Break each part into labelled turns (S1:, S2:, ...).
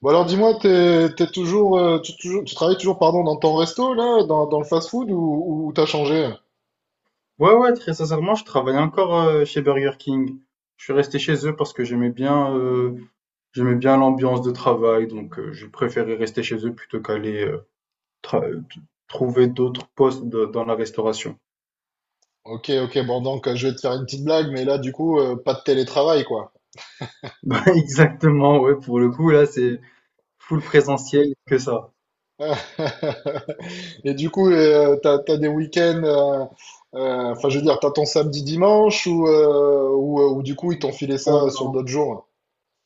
S1: Bon alors dis-moi, t'es toujours, toujours, tu travailles toujours pardon dans ton resto là, dans le fast-food, ou t'as changé?
S2: Ouais, ouais, très sincèrement, je travaillais encore chez Burger King. Je suis resté chez eux parce que j'aimais bien l'ambiance de travail, donc je préférais rester chez eux plutôt qu'aller tra- euh, t- trouver d'autres dans la restauration.
S1: Ok, ok, bon donc je vais te faire une petite blague, mais là du coup pas de télétravail quoi.
S2: Bah, exactement, ouais, pour le coup, là, c'est full présentiel que ça.
S1: Et du coup t'as des week-ends, enfin je veux dire t'as ton samedi dimanche, ou ou du coup ils t'ont filé ça sur d'autres jours.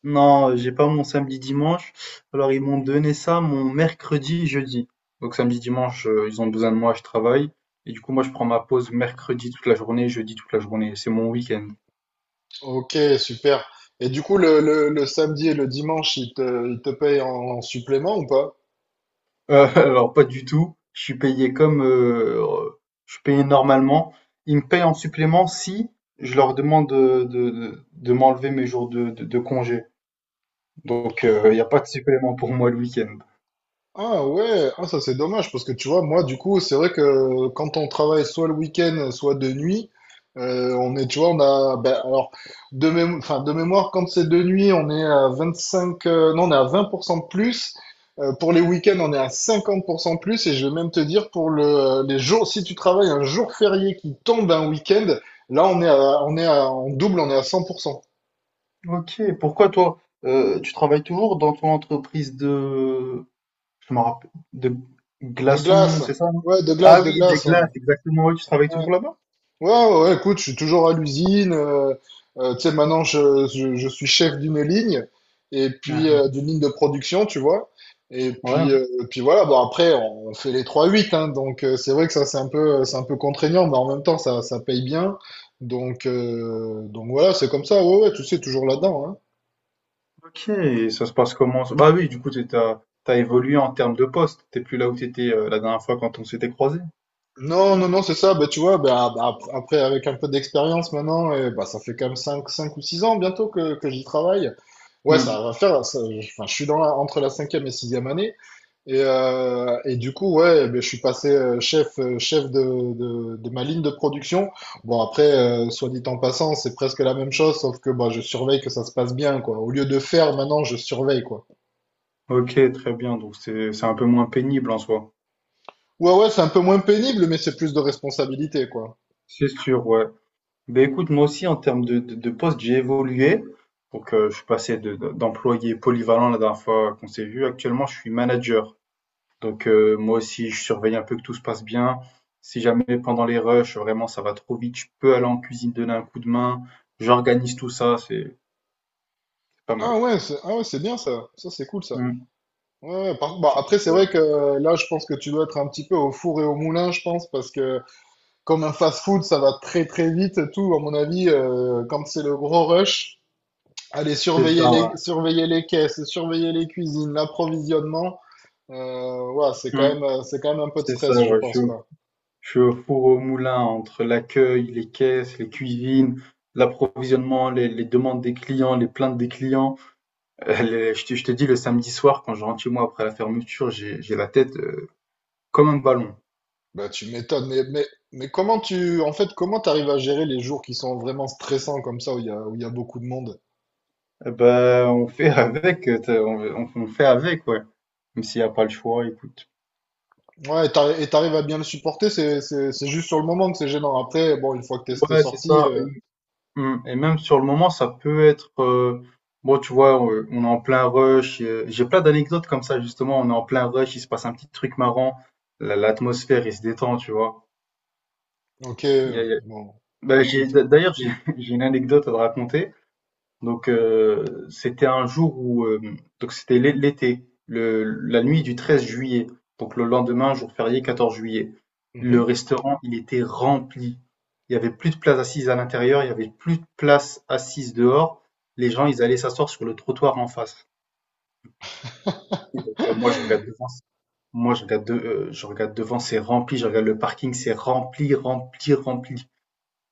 S2: Non, j'ai pas mon samedi-dimanche. Alors, ils m'ont donné ça mon mercredi, jeudi. Donc, samedi-dimanche, ils ont besoin de moi, je travaille. Et du coup, moi, je prends ma pause mercredi toute la journée, jeudi toute la journée. C'est mon week-end.
S1: Ok, super. Et du coup le samedi et le dimanche ils te payent en supplément ou pas?
S2: Alors, pas du tout. Je suis payé je suis payé normalement. Ils me payent en supplément si je leur demande de m'enlever mes jours de congé. Donc, il y a pas de supplément pour moi le week-end.
S1: Ah ouais, ah ça c'est dommage parce que tu vois, moi du coup, c'est vrai que quand on travaille soit le week-end, soit de nuit, on est, tu vois, on a, ben, alors, de enfin, de mémoire, quand c'est de nuit, on est à 25, non, on est à 20% de plus. Pour les week-ends, on est à 50% de plus. Et je vais même te dire, pour les jours, si tu travailles un jour férié qui tombe un week-end, là, en double, on est à 100%.
S2: OK. Pourquoi toi, tu travailles toujours dans ton entreprise de Je me rappelle. De
S1: De
S2: glaçons,
S1: glace.
S2: c'est ça, non?
S1: Ouais, de
S2: Ah
S1: glace, de
S2: oui, des
S1: glace,
S2: glaces,
S1: ouais.
S2: exactement. Ouais, tu travailles
S1: Ouais.
S2: toujours là-bas?
S1: Ouais, écoute, je suis toujours à l'usine. Tu sais, maintenant, je suis chef d'une ligne, et
S2: Ah,
S1: puis
S2: ah.
S1: d'une ligne de production, tu vois.
S2: Ouais.
S1: Et puis voilà, bon, après, on fait les trois huit hein, donc c'est vrai que ça, c'est un peu contraignant, mais en même temps, ça paye bien. Donc voilà, c'est comme ça, ouais, ouais, tu sais, toujours là-dedans, hein.
S2: Ok, et ça se passe comment? Ça bah oui, du coup, t'as évolué en termes de poste. T'es plus là où t'étais la dernière fois quand on s'était croisés.
S1: Non, non, non, c'est ça. Bah, tu vois, bah, après, avec un peu d'expérience maintenant, et, bah, ça fait quand même 5, cinq ou 6 ans bientôt que j'y travaille. Ouais,
S2: Hmm.
S1: ça va faire. Enfin, je suis dans entre la 5e et 6e année. Et du coup, ouais, ben je suis passé chef, chef de ma ligne de production. Bon, après, soit dit en passant, c'est presque la même chose, sauf que bah, je surveille que ça se passe bien, quoi. Au lieu de faire, maintenant, je surveille, quoi.
S2: Ok, très bien. Donc c'est un peu moins pénible en soi.
S1: Ouais, ouais, c'est un peu moins pénible, mais c'est plus de responsabilité, quoi.
S2: C'est sûr, ouais. Ben écoute, moi aussi, en termes de poste, j'ai évolué. Donc je suis passé d'employé polyvalent la dernière fois qu'on s'est vu. Actuellement, je suis manager. Donc moi aussi, je surveille un peu que tout se passe bien. Si jamais pendant les rushs, vraiment ça va trop vite, je peux aller en cuisine donner un coup de main. J'organise tout ça, c'est pas mal.
S1: Ah ouais, c'est bien ça. Ça, c'est cool ça.
S2: Mmh,
S1: Ouais, ouais, bah,
S2: c'est
S1: après, c'est
S2: ça,
S1: vrai
S2: ouais.
S1: que là, je pense que tu dois être un petit peu au four et au moulin, je pense, parce que comme un fast-food, ça va très très vite et tout. À mon avis, quand c'est le gros rush, aller
S2: C'est ça,
S1: surveiller
S2: ouais.
S1: surveiller les caisses, surveiller les cuisines, l'approvisionnement, ouais,
S2: Mmh,
S1: c'est quand même un peu de
S2: c'est ça,
S1: stress, je
S2: ouais.
S1: pense, quoi.
S2: Je suis au four au moulin entre l'accueil, les caisses, les cuisines, l'approvisionnement, les demandes des clients, les plaintes des clients. Les je te dis le samedi soir quand je rentre chez moi après la fermeture, j'ai la tête, comme un ballon.
S1: Bah, tu m'étonnes, mais mais comment tu, en fait, comment t'arrives à gérer les jours qui sont vraiment stressants comme ça, où où il y a beaucoup de monde?
S2: Eh bah, on fait avec, tu on fait avec, ouais. Même s'il n'y a pas le choix, écoute.
S1: Ouais, et et t'arrives à bien le supporter, c'est juste sur le moment que c'est gênant. Après, bon, une fois que t'es
S2: Ouais, c'est
S1: sorti,
S2: ça. Et, mm, et même sur le moment, ça peut être. Bon, tu vois, on est en plein rush. J'ai plein d'anecdotes comme ça, justement. On est en plein rush, il se passe un petit truc marrant. L'atmosphère, il se détend, tu vois.
S1: ok,
S2: Il y a- il y a-
S1: bon, c'est cool.
S2: D'ailleurs, j'ai j'ai une anecdote à te raconter. Donc c'était un jour où c'était l'été, la nuit du 13 juillet. Donc le lendemain, jour férié, 14 juillet. Le
S1: Mhm,
S2: restaurant, il était rempli. Il y avait plus de place assise à l'intérieur, il y avait plus de place assise dehors. Les gens, ils allaient s'asseoir sur le trottoir en face. Et donc, moi, je regarde devant, moi, je regarde, de- je regarde devant, c'est rempli. Je regarde le parking, c'est rempli, rempli, rempli.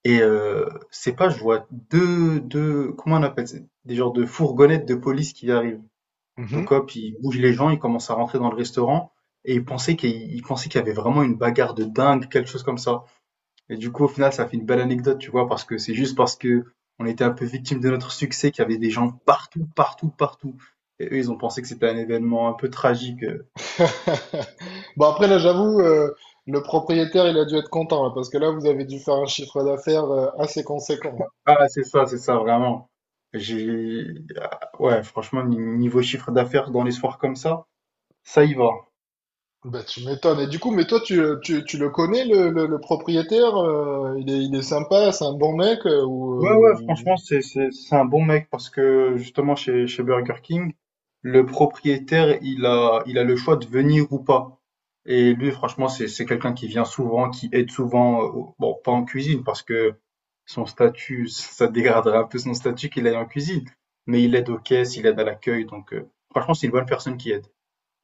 S2: Et c'est pas, je vois deux, comment on appelle ça? Des genres de fourgonnettes de police qui arrivent.
S1: mhm.
S2: Donc hop, il bouge les gens, il commence à rentrer dans le restaurant et il pensait qu'il y avait vraiment une bagarre de dingue, quelque chose comme ça. Et du coup, au final, ça fait une belle anecdote, tu vois, parce que c'est juste parce que on était un peu victime de notre succès qu'il y avait des gens partout, partout, partout. Et eux, ils ont pensé que c'était un événement un peu tragique.
S1: Bon, après, là, j'avoue, le propriétaire, il a dû être content, là, parce que là, vous avez dû faire un chiffre d'affaires assez conséquent.
S2: Ah, c'est ça, vraiment. J'ai, ah, ouais, franchement, niveau chiffre d'affaires dans les soirs comme ça y va.
S1: Bah, tu m'étonnes. Et du coup, mais toi, tu le connais, le propriétaire, euh, il est sympa, c'est un bon mec,
S2: Ouais, ouais, franchement,
S1: ou...
S2: c'est un bon mec parce que justement, chez Burger King, le propriétaire, il a le choix de venir ou pas. Et lui, franchement, c'est quelqu'un qui vient souvent, qui aide souvent, bon, pas en cuisine parce que son statut, ça dégraderait un peu son statut qu'il aille en cuisine. Mais il aide aux caisses, il aide à l'accueil, donc franchement, c'est une bonne personne qui aide.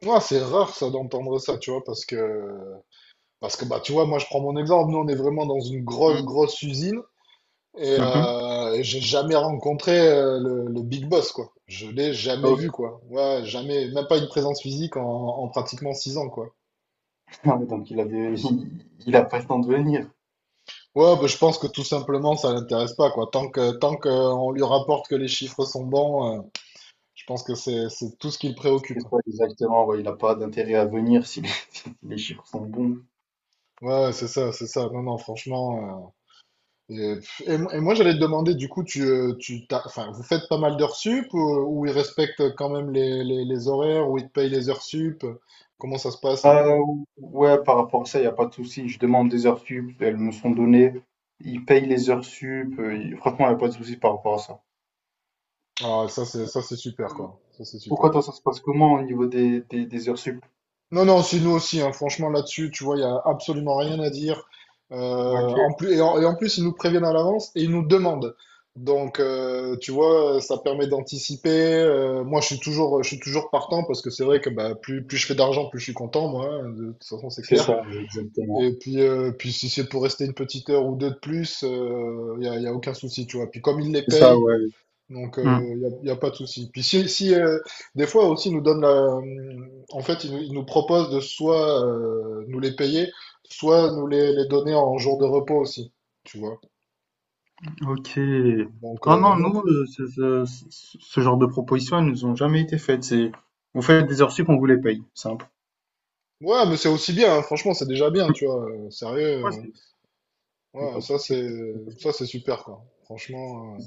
S1: Ouais, c'est rare, ça, d'entendre ça, tu vois, parce que parce que bah tu vois, moi je prends mon exemple, nous on est vraiment dans une grosse
S2: Mm.
S1: grosse usine
S2: Mhm.
S1: et j'ai jamais rencontré le big boss quoi. Je l'ai
S2: Ah
S1: jamais
S2: ouais.
S1: vu quoi. Ouais, jamais, même pas une présence physique en pratiquement 6 ans quoi.
S2: Ah ouais, donc il a pas le temps de venir.
S1: Ouais, bah, je pense que tout simplement ça l'intéresse pas quoi. Tant que on lui rapporte que les chiffres sont bons, je pense que c'est tout ce qui le préoccupe.
S2: C'est quoi exactement? Ouais, il a pas d'intérêt à venir si les, si les chiffres sont bons.
S1: Ouais, c'est ça, c'est ça. Non non, franchement, euh. Et, pff, et et moi, j'allais te demander, du coup, enfin, vous faites pas mal d'heures sup, ou ils respectent quand même les horaires, ou ils te payent les heures sup? Comment ça se passe?
S2: Euh, ouais, par rapport à ça, il n'y a pas de souci. Je demande des heures sup, elles me sont données. Ils payent les heures sup. Franchement, il n'y a pas de souci par rapport à ça.
S1: Ah, ça, c'est super, quoi. Ça, c'est
S2: Pourquoi
S1: super.
S2: toi, ça se passe comment au niveau des heures sup?
S1: Non, non, c'est nous aussi, hein. Franchement, là-dessus, tu vois, il n'y a absolument rien à dire. En
S2: Ok,
S1: plus, et en plus, ils nous préviennent à l'avance et ils nous demandent. Donc, tu vois, ça permet d'anticiper. Moi, je suis toujours partant parce que c'est vrai que bah, plus je fais d'argent, plus je suis content, moi, hein. De toute façon, c'est
S2: c'est
S1: clair.
S2: ça, ouais, exactement.
S1: Et puis, puis si c'est pour rester une petite heure ou deux de plus, y a aucun souci, tu vois. Puis comme ils les
S2: C'est ça,
S1: payent,
S2: ouais.
S1: donc
S2: Hmm,
S1: y a pas de souci. Puis si des fois aussi ils nous donnent en fait, ils nous proposent de soit nous les payer, soit nous les donner en jour de repos aussi, tu vois.
S2: ok. Ah non, nous,
S1: Donc
S2: ce genre de propositions, elles nous ont jamais été faites. C'est, vous faites des heures sup, on vous les paye. Simple.
S1: ouais, mais c'est aussi bien, hein. Franchement, c'est déjà bien, tu vois. Sérieux,
S2: Ouais, c'est, y a
S1: ouais,
S2: pas de souci.
S1: ça c'est super, quoi. Franchement,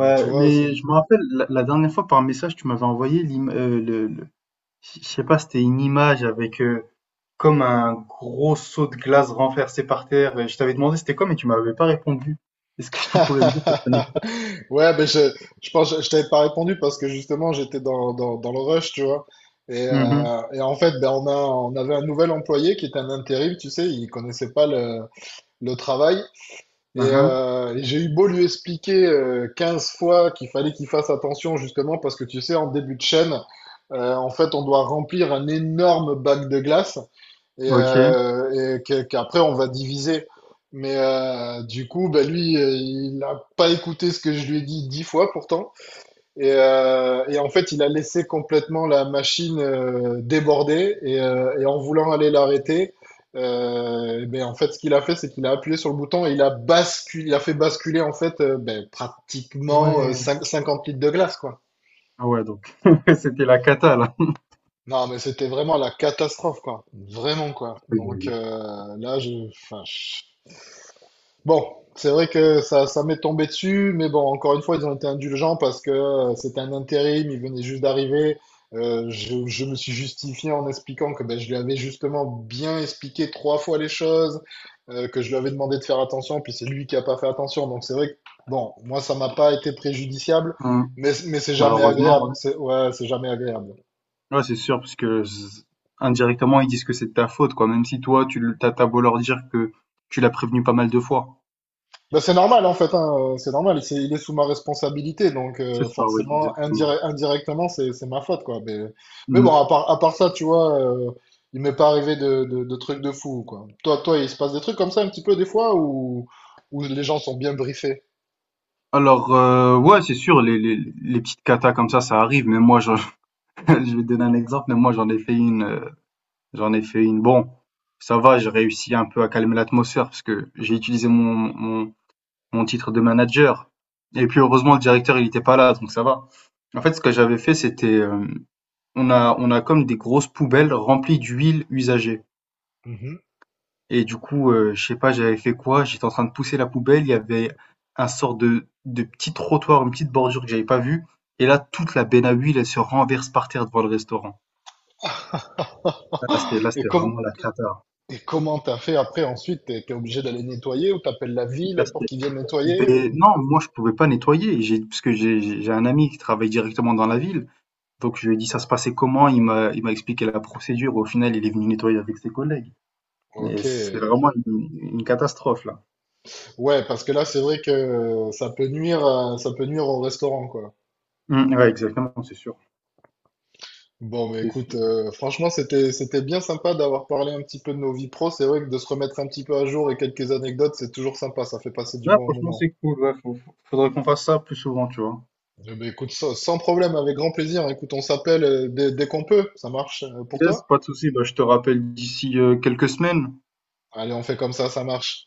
S1: bah tu vois,
S2: mais je me rappelle, la dernière fois par message, tu m'avais envoyé je sais pas, c'était une image avec, comme un gros seau de glace renversé par terre et je t'avais demandé c'était quoi, mais tu m'avais pas répondu. Est-ce que tu pourrais me dire cette anecdote?
S1: ouais, je pense que je t'avais pas répondu parce que justement j'étais dans le rush, tu vois.
S2: Mmh. Mhm.
S1: Et en fait, ben, on avait un nouvel employé qui était un intérim, tu sais, il connaissait pas le travail.
S2: Hein hein.
S1: Et j'ai eu beau lui expliquer 15 fois qu'il fallait qu'il fasse attention justement parce que tu sais, en début de chaîne, en fait, on doit remplir un énorme bac de glace
S2: OK.
S1: et qu'après on va diviser. Mais du coup, bah lui, il n'a pas écouté ce que je lui ai dit 10 fois pourtant. Et en fait, il a laissé complètement la machine déborder. Et en voulant aller l'arrêter, eh ben, en fait, ce qu'il a fait, c'est qu'il a appuyé sur le bouton et il a basculé, il a fait basculer en fait ben, pratiquement
S2: Ouais.
S1: 50 litres de glace, quoi.
S2: Ah ouais, donc c'était la cata, là.
S1: Non, mais c'était vraiment la catastrophe, quoi. Vraiment, quoi. Donc enfin, bon, c'est vrai que ça m'est tombé dessus, mais bon, encore une fois, ils ont été indulgents parce que c'était un intérim, il venait juste d'arriver. Je me suis justifié en expliquant que ben, je lui avais justement bien expliqué 3 fois les choses, que je lui avais demandé de faire attention, puis c'est lui qui a pas fait attention. Donc c'est vrai que, bon, moi, ça m'a pas été préjudiciable,
S2: Mmh.
S1: mais c'est
S2: Bah,
S1: jamais
S2: heureusement,
S1: agréable.
S2: ouais.
S1: C'est, ouais, c'est jamais agréable.
S2: Ouais, c'est sûr, parce que z indirectement, ils disent que c'est de ta faute, quoi, même si toi, tu as beau leur dire que tu l'as prévenu pas mal de fois.
S1: Ben, c'est normal en fait, hein, c'est normal, il est sous ma responsabilité, donc
S2: C'est ça, oui,
S1: forcément
S2: exactement.
S1: indirectement c'est ma faute quoi. Mais bon,
S2: Mmh.
S1: à part ça, tu vois, il m'est pas arrivé de trucs de fou quoi. Toi, il se passe des trucs comme ça un petit peu des fois où les gens sont bien briefés.
S2: Alors, ouais, c'est sûr, les petites catas comme ça arrive, mais moi, j'en je vais te donner un exemple, mais moi j'en ai fait une, j'en ai fait une. Bon, ça va, j'ai réussi un peu à calmer l'atmosphère parce que j'ai utilisé mon titre de manager. Et puis heureusement le directeur il était pas là, donc ça va. En fait, ce que j'avais fait, on on a comme des grosses poubelles remplies d'huile usagée.
S1: Mhm.
S2: Et du coup, je sais pas, j'avais fait quoi? J'étais en train de pousser la poubelle, il y avait un sort de petit trottoir, une petite bordure que j'avais pas vue. Et là, toute la benne à huile, elle se renverse par terre devant le restaurant. Là,
S1: Et,
S2: c'était vraiment la cata.
S1: et comment t'as fait après ensuite? T'es obligé d'aller nettoyer ou t'appelles la
S2: La
S1: ville pour
S2: sté
S1: qu'ils viennent nettoyer
S2: Beh,
S1: ou...
S2: non, moi je pouvais pas nettoyer, j'ai parce que j'ai un ami qui travaille directement dans la ville, donc je lui ai dit ça se passait comment, il m'a expliqué la procédure, au final il est venu nettoyer avec ses collègues. Mais
S1: Ok,
S2: c'est vraiment une catastrophe là.
S1: ouais, parce que là c'est vrai que ça peut ça peut nuire au restaurant quoi.
S2: Mmh, ouais, exactement,
S1: Bon, bah
S2: c'est
S1: écoute,
S2: sûr.
S1: franchement, c'était bien sympa d'avoir parlé un petit peu de nos vies pro. C'est vrai que de se remettre un petit peu à jour et quelques anecdotes, c'est toujours sympa. Ça fait passer du
S2: Ouais,
S1: bon
S2: franchement
S1: moment.
S2: c'est cool, ouais, faut faut faudrait qu'on fasse ça plus souvent, tu vois?
S1: Eh ben, écoute, sans problème, avec grand plaisir. Écoute, on s'appelle dès qu'on peut. Ça marche pour
S2: Yes,
S1: toi?
S2: pas de souci, bah, je te rappelle d'ici, quelques semaines.
S1: Allez, on fait comme ça marche.